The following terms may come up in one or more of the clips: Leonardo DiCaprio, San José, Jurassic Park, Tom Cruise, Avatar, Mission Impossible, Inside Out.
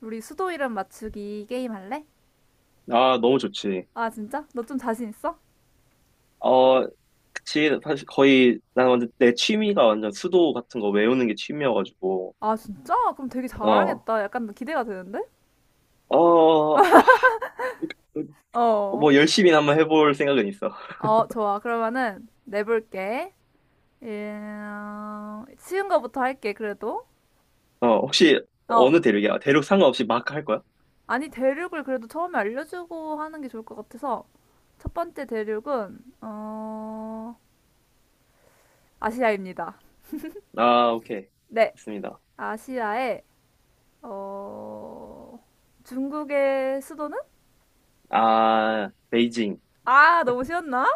우리 수도 이름 맞추기 게임 할래? 아, 너무 좋지. 아, 진짜? 너 좀 자신 있어? 어, 그치. 사실 거의, 난 완전 내 취미가 완전 수도 같은 거 외우는 게 취미여가지고, 아, 진짜? 그럼 되게 어, 잘하겠다. 약간 기대가 되는데? 어, 아, 어. 뭐 열심히 한번 해볼 생각은 있어. 어, 좋아. 그러면은 내볼게. 쉬운 거부터 할게, 그래도. 어, 혹시 어. 어느 대륙이야? 대륙 상관없이 막 할 거야? 아니, 대륙을 그래도 처음에 알려주고 하는 게 좋을 것 같아서. 첫 번째 대륙은, 어, 아시아입니다. 아, 오케이. 네. 좋습니다. 아시아의, 어, 중국의 수도는? 아, 베이징. 아, 너무 쉬웠나?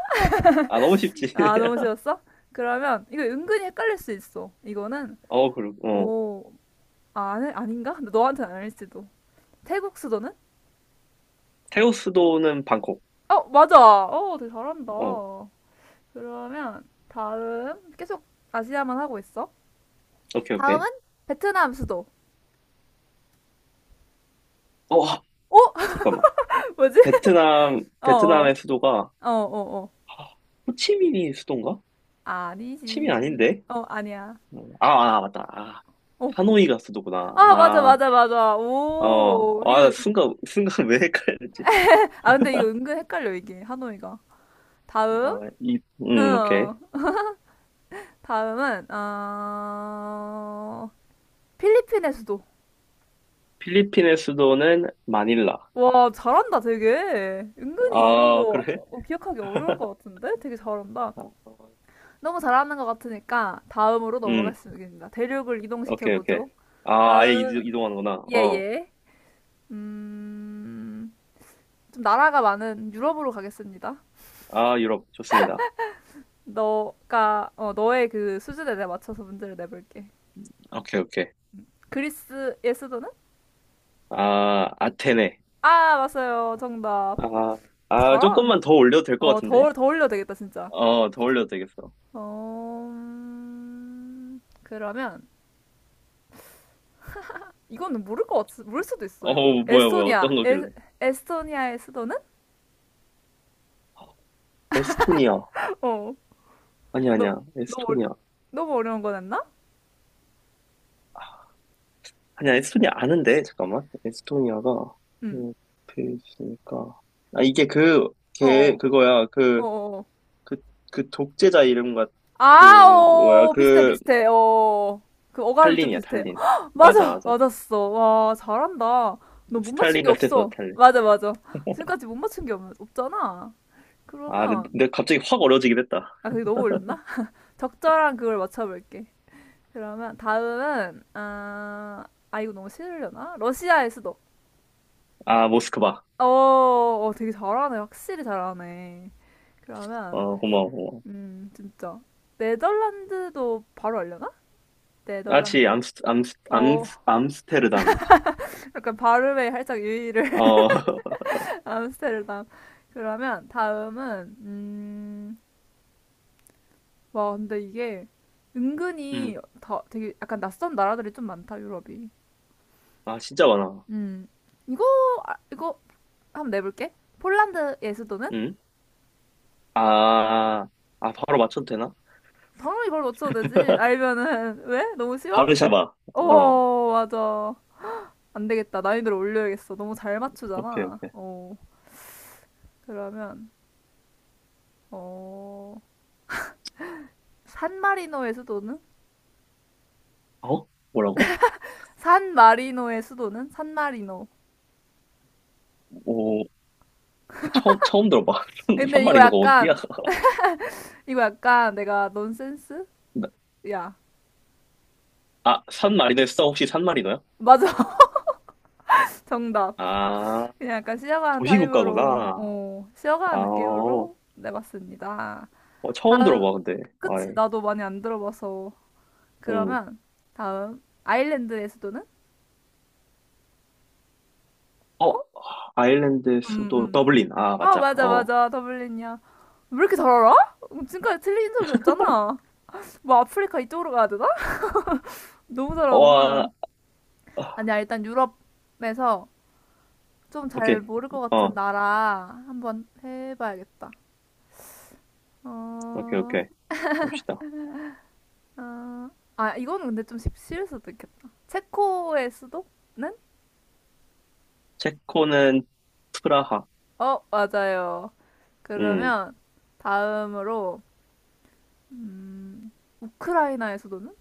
아, 너무 쉽지. 아, 너무 쉬웠어? 그러면 이거 은근히 헷갈릴 수 있어. 이거는 어, 그리고, 어. 어, 아, 아니, 아닌가? 근데 너한테는 아닐지도. 태국 수도는? 태우 수도는 방콕. 어, 맞아. 어, 되게 잘한다. 어, 그러면 다음 계속 아시아만 하고 있어. 오케이, 오케이. 다음은 베트남 수도. 어, 어? 잠깐만. 뭐지? 베트남, 어, 어, 베트남의 수도가, 어. 아, 호치민이 수도인가? 침이 아니지. 아닌데? 어, 아니야. 맞다. 아, 어. 하노이가 수도구나. 아, 맞아, 아, 맞아, 맞아. 어, 오, 아, 이거, 순간 왜 헷갈렸지? 아, 근데 이거 은근 헷갈려, 이게, 하노이가. 다음? 아, 응. 오케이. 다음은 필리핀의 수도. 필리핀의 수도는 마닐라. 와, 잘한다, 되게. 은근히 이런 아, 거 그래? 어, 기억하기 어려울 것 같은데? 되게 잘한다. 아, 어, 너무 잘하는 것 같으니까 다음으로 음, 넘어가겠습니다. 대륙을 오케이, 오케이. 이동시켜보죠. 아, 아예 다음, 이동하는구나. 예, 어, 예. 음, 좀 나라가 많은 유럽으로 가겠습니다. 아, 유럽, 좋습니다. 너가, 너의 그 수준에 내 맞춰서 문제를 내볼게. 오케이, 오케이. 그리스의 수도는? 아, 아테네. 아, 맞아요. 정답. 아, 어, 잘한. 조금만 더 올려도 될 것 어, 같은데? 더, 더 올려야 되겠다, 진짜. 어, 더 올려도 되겠어. 그러면 이거는 모를 것 같, 모를 수도 있어. 이거. 어, 뭐야, 뭐야, 에스토니아, 어떤 에, 거길래? 에스토니아의 수도는? 에스토니아. 어, 아니, 너, 아니야. 너무, 어려, 에스토니아. 너무 어려운 거 냈나? 아니야, 에스토니아 아는데, 잠깐만. 에스토니아가, 응, 옆에 있으니까. 아, 이게 그, 어, 걔, 어, 그거야. 어, 그, 어. 그, 그 독재자 이름 같, 그, 아, 뭐야. 어, 비슷해, 그, 비슷해, 어. 그 어감이 좀 탈린이야, 비슷해. 탈린. 헉, 맞아, 맞아, 맞아. 맞았어. 와, 잘한다. 너 못 맞춘 스탈린 게 같아서 없어. 탈린. 맞아, 맞아. 지금까지 못 맞춘 게 없, 없잖아. 아, 근데, 그러면, 근데 갑자기 확 어려워지긴 했다. 아, 그게 너무 올렸나? 적절한 그걸 맞춰볼게. 그러면 다음은 아, 아 이거 너무 싫으려나? 러시아의 수도. 아, 모스크바. 어, 어 되게 잘하네. 확실히 잘하네. 그러면 어, 고마워, 고마워. 음 진짜 네덜란드도 바로 알려나? 아, 지, 네덜란드? 암스, 암스, 어 암스, 암스테르담이지. 약간 발음에 살짝 유의를 어, 암스테르담. 그러면 다음은 와 근데 이게 은근히 음. 다 되게 약간 낯선 나라들이 좀 많다 유럽이. 아, 진짜 많아. 음 이거 이거 한번 내볼게. 폴란드의 수도는? 음? 아, 바로 맞춰도 되나? 당연히 바로 맞춰도 되지. 알면은 왜? 너무 쉬워? 바르샤바. 어. 어, 맞아. 안 되겠다. 난이도를 올려야겠어. 너무 잘 오케이, 맞추잖아. 오케이. 어, 그러면 어, 산마리노의 수도는? 어? 뭐라고? 산마리노의 수도는? 산마리노. 오, 처음 들어봐. 근데 이거 산마리노가 어디야? 약간 이거 약간 내가 넌센스? 나- 야, 아, 산마리노였어? 혹시 산마리노야? 맞아. 정답. 아, 그냥 약간 쉬어가는 타임으로 도시국가구나. 어, 아, 쉬어가는 어, 느낌으로 내봤습니다. 처음 다음 들어봐, 근데. 그치, 아이, 나도 많이 안 들어봐서. 음. 그러면 다음 아일랜드의 수도는? 어, 어? 아일랜드 음, 수도 음. 더블린. 아, 아 맞아. 맞아 어. 맞아 더블린이야. 왜 이렇게 잘 알아? 지금까지 틀린 적이 없잖아. 뭐 아프리카 이쪽으로 가야 되나? 너무 어, 잘하잖 아, 아, 아니야 일단 유럽에서 좀 잘 오케이. 모를 것 같은 어, 나라 한번 해봐야겠다. 오케이, 어, 오케이. 봅시다. 어, 아 이거는 근데 좀 쉽- 쉬울 수도 있겠다. 체코의 수도는? 체코는 프라하. 어 맞아요. 음. 그러면 다음으로 음, 우크라이나에서도는?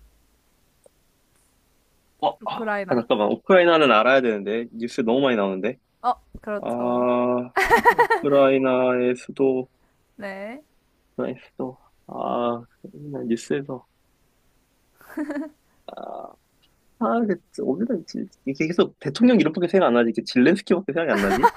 어, 아, 우크라이나. 잠깐만. 우크라이나는 알아야 되는데. 뉴스 너무 많이 나오는데. 어, 그렇죠. 아, 우크라이나의 수도, 네. 우크라이나 수도, 아, 맨날 뉴스에서, 아, 그, 어디다 있지? 이게 계속 대통령 이름밖에 생각 안 나지? 이게 질렌스키밖에 생각이 안 나지?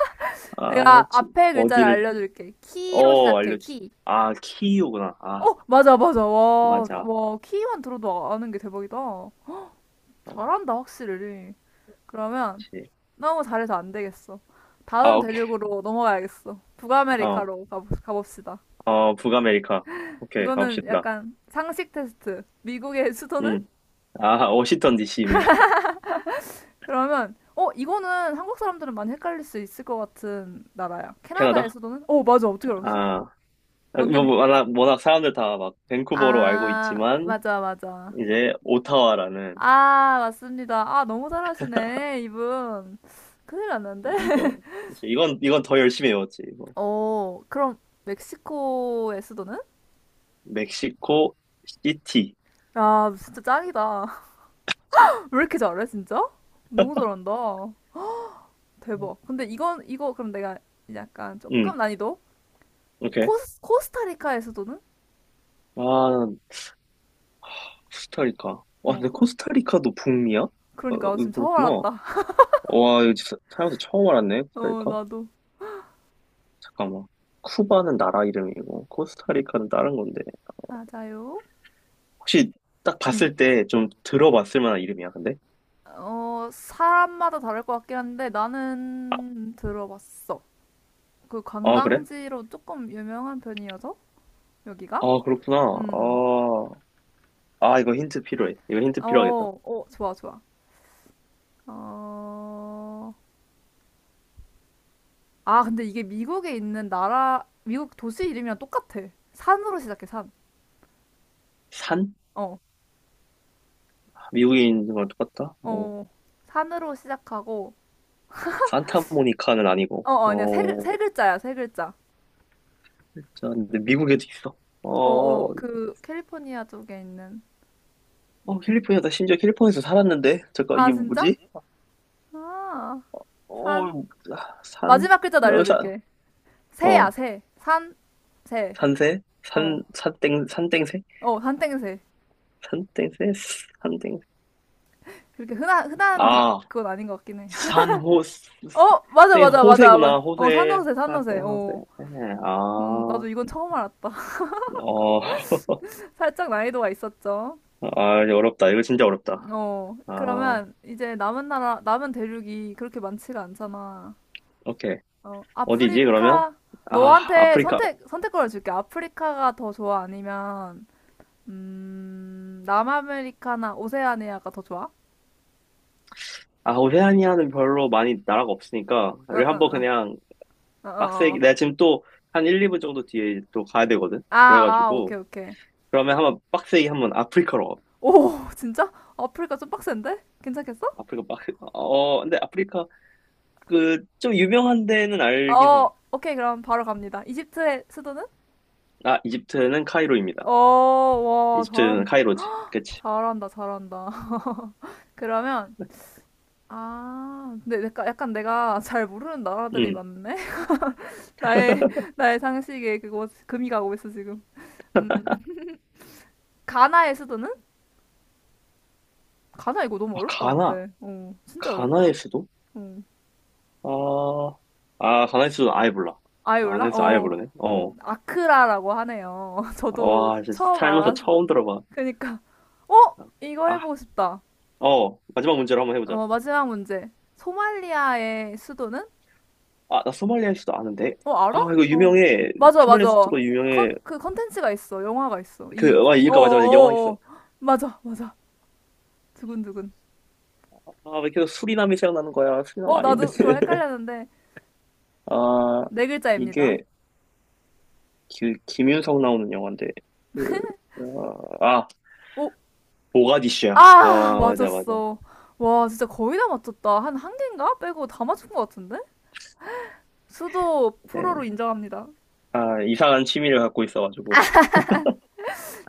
아, 내가 지, 앞에 글자를 어디를, 알려줄게. 키로 어, 시작해, 알려주세요. 키. 아, 키이우구나. 아, 어, 맞아, 맞아. 와, 맞아. 와, 키만 들어도 아는 게 대박이다. 아, 잘한다, 확실히. 그러면 그치. 너무 잘해서 안 되겠어. 아, 다음 오케이. 대륙으로 넘어가야겠어. 어, 북아메리카로 가, 가봅시다. 어, 북아메리카. 오케이, 이거는 가봅시다. 약간 상식 테스트. 미국의 수도는? 음. 아, 워싱턴 DC입니다. 그러면 어 이거는 한국 사람들은 많이 헷갈릴 수 있을 것 같은 나라야. 캐나다? 캐나다에서도는 어 맞아 어떻게 알았어? 아, 뭐, 완전 뭐, 워낙 워낙 사람들 다 막 밴쿠버로 알고 아 있지만, 맞아 맞아 이제 오타와라는 아 맞습니다. 아 너무 잘하시네 이분 큰일 났는데. 이거. 이제 이건 더 열심히 외웠지, 이거. 어 그럼 멕시코의 수도는? 멕시코 시티. 아 진짜 짱이다. 왜 이렇게 잘해 진짜? 너무 잘한다. 대박. 근데 이건 이거 그럼 내가 약간 응. 조금 난이도 오케이. 코스 코스타리카의 수도는? 아, 코스타리카. 와, 어 근데 코- 코스타리카도 북미야? 어, 어, 그러니까 지금 처음 그렇구나. 알았다. 어, 와, 이거 진짜 살면서 처음 알았네, 어, 코스타리카. 나도. 잠깐만, 쿠바는 나라 이름이고 코스타리카는 다른 건데. 맞아요. 혹시 딱 응. 봤을 때 좀 들어봤을 만한 이름이야, 근데? 어, 사람마다 다를 것 같긴 한데 아, 나는 들어봤어. 그 아 그래? 관광지로 조금 유명한 편이어서 여기가? 아, 그렇구나. 음. 아, 아 이거 힌트 필요해. 이거 음. 힌트 필요하겠다. 좋아, 좋아. 어. 아, 근데 이게 미국에 있는 나라 미국 도시 이름이랑 똑같아. 산으로 시작해, 산. 산? 어. 미국인과 똑같다? 뭐, 어. 산으로 시작하고 산타모니카는 아니고, 어, 어, 아니야. 세, 글- 어, 세 글자야, 세 글자. 진짜, 근데 미국에도 있어. 어, 어. 어, 그 캘리포니아 쪽에 있는 어, 캘리포니아다. 심지어 캘리포니아에서 살았는데? 잠깐, 아, 이게 진짜? 뭐지? 아, 어, 산. 아, 산, 마지막 글자도 어, 산, 알려줄게. 새야, 어, 새. 산, 새. 산세? 어, 산, 산땡, 산땡세? 산땡새. 산땡세? 산땡. 그렇게 흔한, 흔한 다, 아, 그건 아닌 것 같긴 해. 산호, 어, 맞아, 땡, 맞아, 맞아. 맞아. 호세구나. 어, 호세, 산호새, 산 산호새. 호세. 어, 네, 아, 나도 이건 처음 알았다. 어, 살짝 난이도가 있었죠. 어렵다. 이거 진짜 어렵다. 어, 아, 그러면 이제 남은 나라, 남은 대륙이 그렇게 많지가 않잖아. 오케이. 어, 어디지, 그러면? 아프리카, 아, 너한테 아프리카. 선택, 선택권을 줄게. 아프리카가 더 좋아? 아니면 남아메리카나 오세아니아가 더 좋아? 아, 오세아니아는 별로 많이 나라가 없으니까. 어, 우리 한번 어, 그냥 어. 빡세게. 어. 내가 지금 또 한 1, 2분 정도 뒤에 또 가야 되거든? 아, 아, 그래가지고. 오케이, 오케이. 그러면 한번 빡세게 한번 아프리카로. 가. 오, 진짜? 아프리카 좀 빡센데? 괜찮겠어? 아프리카 빡세. 어, 어, 근데 아프리카 그 좀 유명한 데는 알긴 어, 해. 오케이, 그럼 바로 갑니다. 이집트의 수도는? 아, 이집트는 어, 카이로입니다. 와, 이집트는 잘한, 카이로지. 그치? 잘한다, 잘한다. 그러면, 아, 근데 내가, 약간 내가 잘 모르는 나라들이 응. 많네? 나의, 나의 상식에 그거 금이 가고 있어, 지금. 음, 가나의 수도는? 가나 이거 너무 아, 어렵다, 가나. 근데. 어, 진짜 어렵다. 가나의 수도? 어. 아, 가나의 수도 아예 몰라. 아이 몰라? 가나의 수도 아예 어, 모르네. 어. 아크라라고 하네요. 저도 와, 진짜 처음 살면서 알았어. 처음 들어봐. 그니까, 어? 이거 아, 해보고 싶다. 어, 마지막 문제로 한번 해보자. 어, 마지막 문제. 소말리아의 수도는? 아, 나 소말리아 수도 아는데. 어, 아, 알아? 이거 어. 유명해. 맞아, 소말리아 맞아. 수도가 컨, 유명해. 그 컨텐츠가 있어. 영화가 있어. 그, 이, 아, 어, 어, 이거 맞아, 맞아. 영화 어. 있어. 어. 맞아, 맞아. 두근두근. 아, 왜 계속 수리남이 생각나는 거야? 수리남 어, 아닌데. 나도 그걸 헷갈렸는데. 아, 네 글자입니다. 이게 김윤석 나오는 영화인데. 그, 어, 아, 오, 모가디슈야. 아, 아, 맞아, 맞아. 맞았어. 와, 진짜 거의 다 맞췄다. 한 개인가? 빼고 다 맞춘 것 같은데? 수도 프로로 네. 인정합니다. 아, 이상한 취미를 갖고 있어가지고.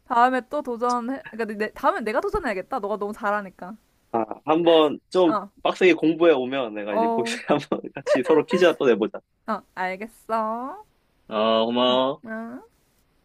다음에 또 도전해. 그러니까 내, 다음엔 내가 도전해야겠다. 너가 너무 잘하니까. 아, 한번 좀 어, 빡세게 공부해 오면 내가 이제 거기서 어, 한번 같이 서로 퀴즈 또 내보자. 어, 알겠어. 아, 고마워. 응.